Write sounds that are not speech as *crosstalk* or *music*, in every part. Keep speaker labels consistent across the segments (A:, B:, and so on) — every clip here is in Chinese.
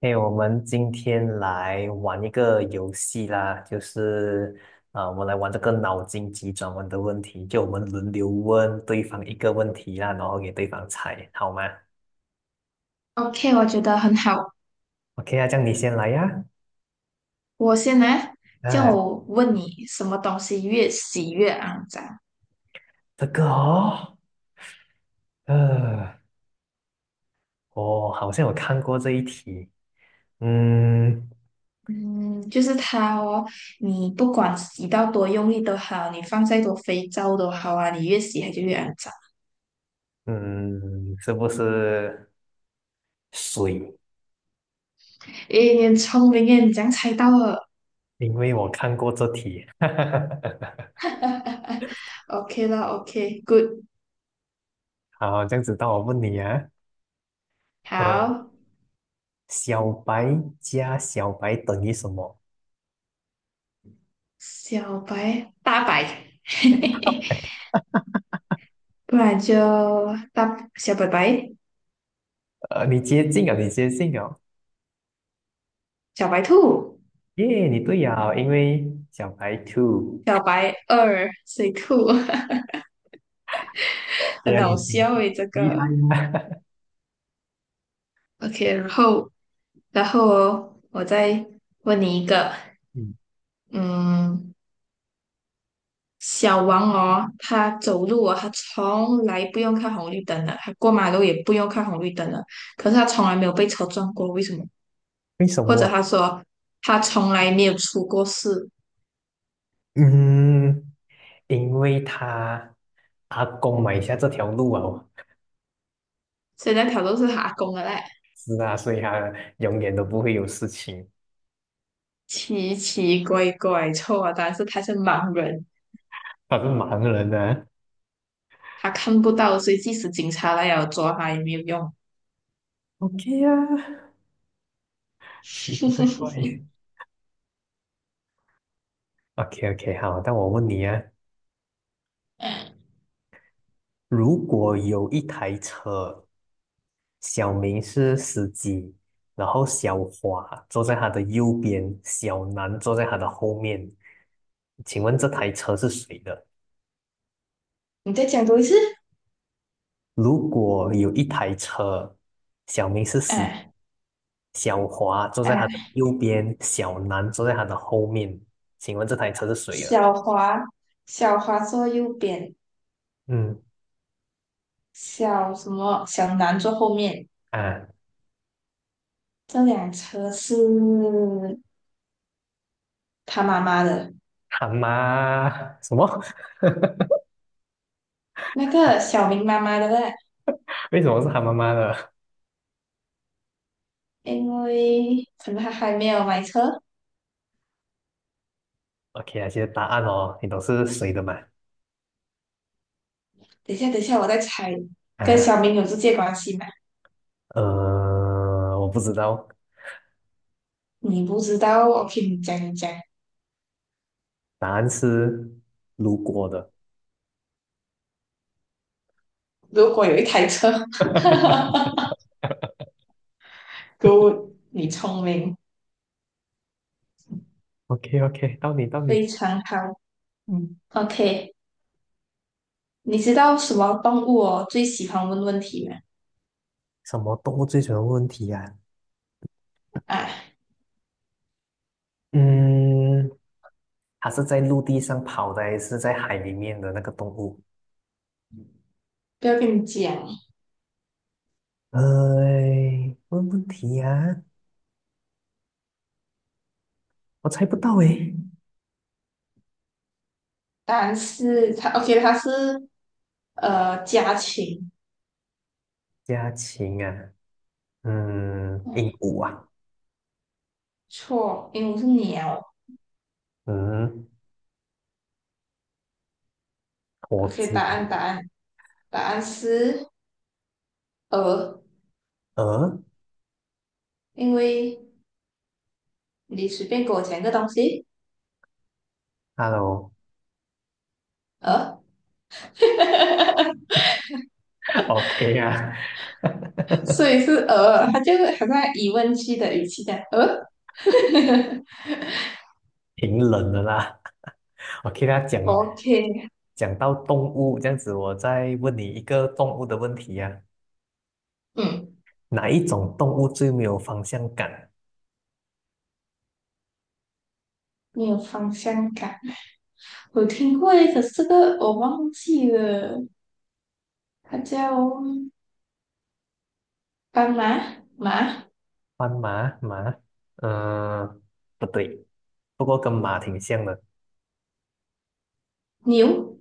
A: 哎，我们今天来玩一个游戏啦，就是啊、我们来玩这个脑筋急转弯的问题，就我们轮流问对方一个问题啦，然后给对方猜，好吗
B: OK，我觉得很好。
A: ？OK 啊，这样你先来呀。
B: 我先来，叫
A: 哎、
B: 我问你什么东西越洗越肮脏？
A: 这个哦，呃，我好像有看过这一题，嗯
B: 嗯，就是它哦。你不管洗到多用力都好，你放再多肥皂都好啊，你越洗它就越肮脏。
A: 嗯，是不是水？
B: 诶，你很聪明耶，你这样猜到了。
A: 因为我看过这题，*laughs*
B: *laughs* OK 啦 OK good
A: 好，这样子当我问你啊。呃
B: 好，
A: 小白加小白等于什么？
B: 小白，大白，*laughs* 不然就大小白白，
A: 你接近啊，你接近啊，
B: 小白兔，
A: 耶，你对呀，因为小白 two，
B: 小白二水兔。*laughs*
A: 对
B: 很
A: 呀，你
B: 好
A: 挺
B: 笑诶，这
A: 厉害。
B: 个。OK，然后哦，我再问你一个，
A: 嗯，
B: 嗯，小王哦，他走路啊，他从来不用看红绿灯的，他过马路也不用看红绿灯的，可是他从来没有被车撞过，为什么？
A: 为什
B: 或
A: 么
B: 者
A: 啊？
B: 他说他从来没有出过事，
A: 嗯，因为他阿公买下这条路啊，
B: 所以那条路是他阿公的嘞，
A: 是啊，所以他永远都不会有事情。
B: 奇奇怪怪，错啊，但是他是盲人，
A: 他是盲人啊。
B: 他看不到，所以即使警察来要抓他也没有用。
A: OK 呀啊，奇奇怪怪。
B: *laughs*
A: OK OK，好，那我问你啊，如果有一台车，小明是司机，然后小华坐在他的右边，小南坐在他的后面，请问这台车是谁的？
B: 你再讲多一次。
A: 如果有一台车，小明是司，
B: 哎
A: 小华坐在他的
B: 哎，
A: 右边，小南坐在他的后面，请问这台车是谁的？
B: 小华，小华坐右边，
A: 嗯
B: 小什么小南坐后面。
A: 啊，
B: 这辆车是他妈妈的，
A: 他妈什么？*laughs*
B: 那个小明妈妈的呢？
A: 为什么是他妈妈的？
B: 因为可能他还没有买车。
A: OK 啊，现在答案哦，你都是谁的嘛？
B: 等一下，等一下，我再猜，跟
A: 啊，
B: 小明有直接关系吗？
A: 我不知道，
B: 你不知道我 k 你讲一讲。
A: 答案是路过的。
B: 如果有一台车 *laughs*
A: *laughs*
B: ，Good，你聪明，
A: OK OK，到你到
B: 非
A: 你。
B: 常好。
A: 嗯，
B: OK，你知道什么动物哦最喜欢问问题吗？
A: 什么动物最喜欢问题呀、
B: 哎，
A: 嗯，它是在陆地上跑的，还是在海里面的那个动物？
B: 不要跟你讲，
A: 哎，问问题呀、我猜不到诶。
B: 答案是它。OK，它是呃家禽。
A: 家禽啊，嗯，鹦
B: 嗯，
A: 鹉啊，
B: 错，鹦鹉是鸟。
A: 嗯，火
B: OK，
A: 鸡
B: 答
A: 啊，
B: 案答案答案是鹅，
A: 鹅
B: 因为你随便给我讲一个东西，
A: 哈喽
B: 鹅，*laughs*
A: l l o o k 啊。
B: 所
A: *laughs*
B: 以是鹅。它就是好像疑问句的语气这鹅。
A: 挺冷的啦。*laughs* 我给大家讲
B: OK，
A: 讲到动物这样子，我再问你一个动物的问题呀、啊
B: 嗯，
A: 哪一种动物最没有方向感？
B: 没有方向感。我听过一个可是这个我忘记了，它叫。斑马、马、
A: 斑马、马？嗯、不对，不过跟马挺像的。
B: 牛、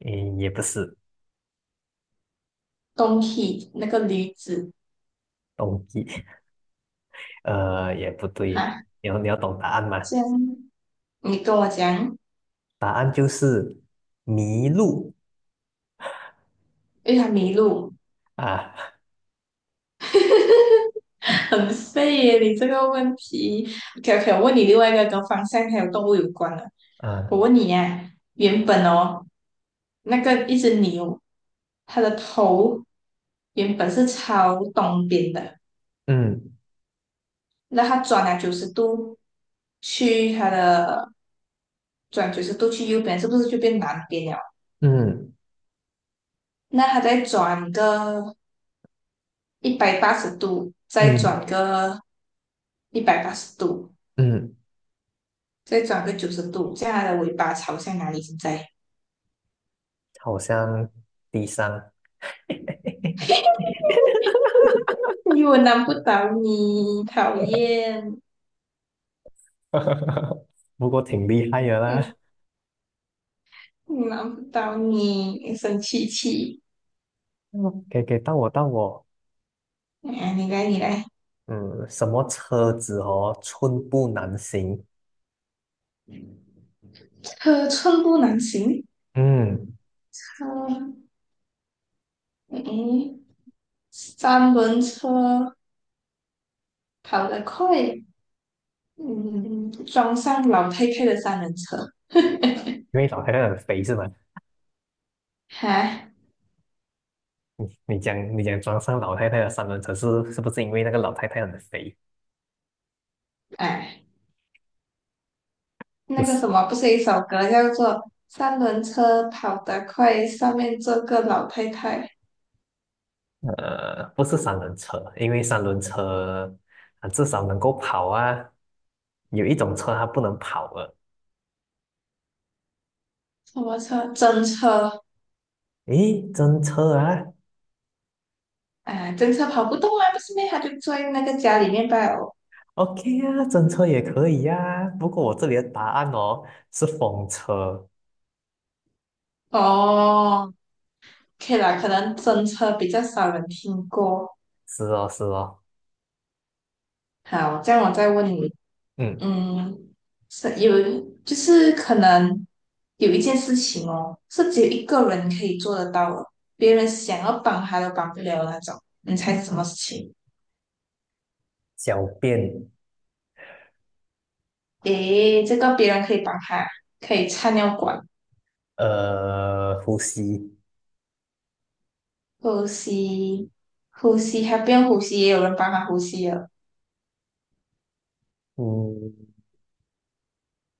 A: 嗯，也不是
B: 东西那个驴子
A: 东西，*laughs* 也不对。
B: 哈，
A: 你要懂答案吗？
B: 这样你跟我讲，
A: 答案就是麋鹿
B: 因为它迷路，
A: 啊
B: 很废耶，你这个问题。OK OK，我问你另外一个跟方向还有动物有关的，
A: 啊，
B: 我问你啊，原本哦，那个一只牛，它的头原本是朝东边的，
A: 嗯
B: 那它去它的转九十度去右边，是不是就变南边了？
A: 嗯
B: 那它再转个一百八十度，再
A: 嗯
B: 转个一百八十度，
A: 嗯，
B: 再转个九十度，这样它的尾巴朝向哪里？现在？
A: 好像低伤，
B: *laughs* 因为我难不倒你，讨厌，
A: *laughs* 不过挺厉害的啦。
B: 嗯，我难不倒你，生气气，
A: 嗯，给到我到我，
B: 哎，你来，你来，
A: 嗯，什么车子哦，寸步难行。
B: 车寸步难行，
A: 嗯，
B: 车，嗯，三轮车跑得快，嗯，撞上老太太的三轮车，*laughs*
A: 因为老太太很肥是吗？
B: 哈，
A: 你讲你讲装上老太太的三轮车是不是因为那个老太太很肥？
B: 哎，那
A: 不是，
B: 个什么，不是一首歌叫做《三轮车跑得快》，上面坐个老太太，
A: 不是三轮车，因为三轮车啊至少能够跑啊，有一种车它不能跑了。
B: 什么车？真车，
A: 诶，真车啊
B: 哎，真车跑不动啊，不是咩？他就坐在那个家里面罢哦。
A: ，OK 啊，真车也可以呀、啊不过我这里的答案哦是风车，
B: 哦，可以啦，可能真车比较少人听过。
A: 是哦是哦，
B: 好，这样我再问你，
A: 嗯。
B: 嗯，是有，就是可能有一件事情哦，是只有一个人可以做得到的，别人想要帮他都帮不了的那种。你猜是什么事情？
A: 小便，
B: 诶，这个别人可以帮他，可以插尿管、
A: 呼吸，
B: 呼吸、呼吸，他不用呼吸，也有人帮他呼吸了。
A: 嗯，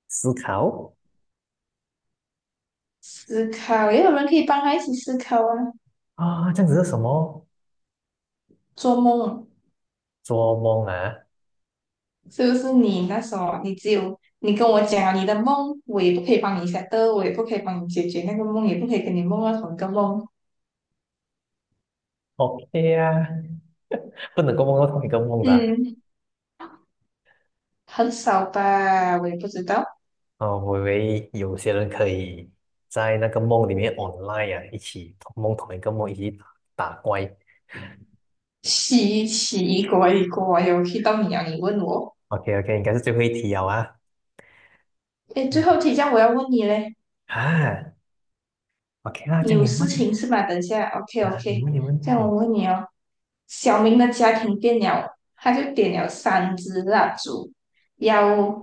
A: 思考
B: 思考，也有人可以帮他一起思考啊。
A: 啊，这样子是什么？
B: 做梦啊，
A: 做梦啊
B: 是不是你那时候你只有你跟我讲了你的梦，我也不可以帮你解决那个梦，也不可以跟你梦到同一个梦。
A: ？OK 啊，不能够梦到同一个梦的啊。
B: 嗯，很少吧，我也不知道。
A: 哦我以为有些人可以在那个梦里面 online 啊，一起同梦同一个梦，一起打打怪。
B: 奇奇怪怪有去到你啊？你问我。
A: OK OK，应该是最后一题了啊。
B: 诶，最
A: 嗯
B: 后提一下，我要问你嘞，
A: 啊，OK 啦，这
B: 你
A: 样
B: 有
A: 你
B: 事
A: 问
B: 情是吧？等一下，OK
A: 啊，你
B: OK。
A: 问你问，
B: 这样我
A: 嗯，
B: 问你哦，小明的家庭电了，他就点了三支蜡烛，要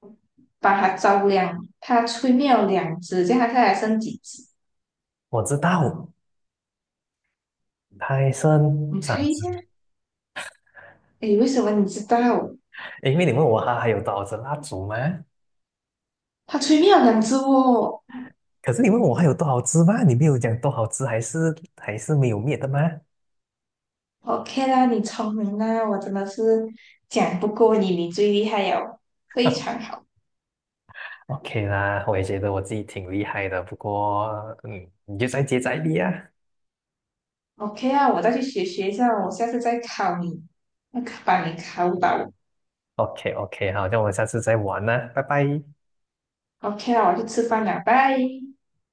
B: 把它照亮。他吹灭了两支，这样他现在还剩几支？
A: 我知道，森，
B: 你
A: 剩
B: 猜
A: 三
B: 一
A: 只。
B: 下。诶，为什么你知道？
A: 因为你问我它还有多少支蜡烛吗？
B: 他吹灭了两支哦。
A: 可是你问我还有多少吃吗？你没有讲多少吃，还是没有灭的吗
B: OK 啦，你聪明啦，我真的是讲不过你，你最厉害哦，非常
A: *laughs*
B: 好。
A: ？OK 啦，我也觉得我自己挺厉害的，不过嗯，你就再接再厉啊。
B: OK 啊，我再去学学一下，我下次再考你，要考把你考倒。
A: OK OK，好，那我们下次再玩啦，拜拜。
B: OK 啊，我去吃饭了，拜。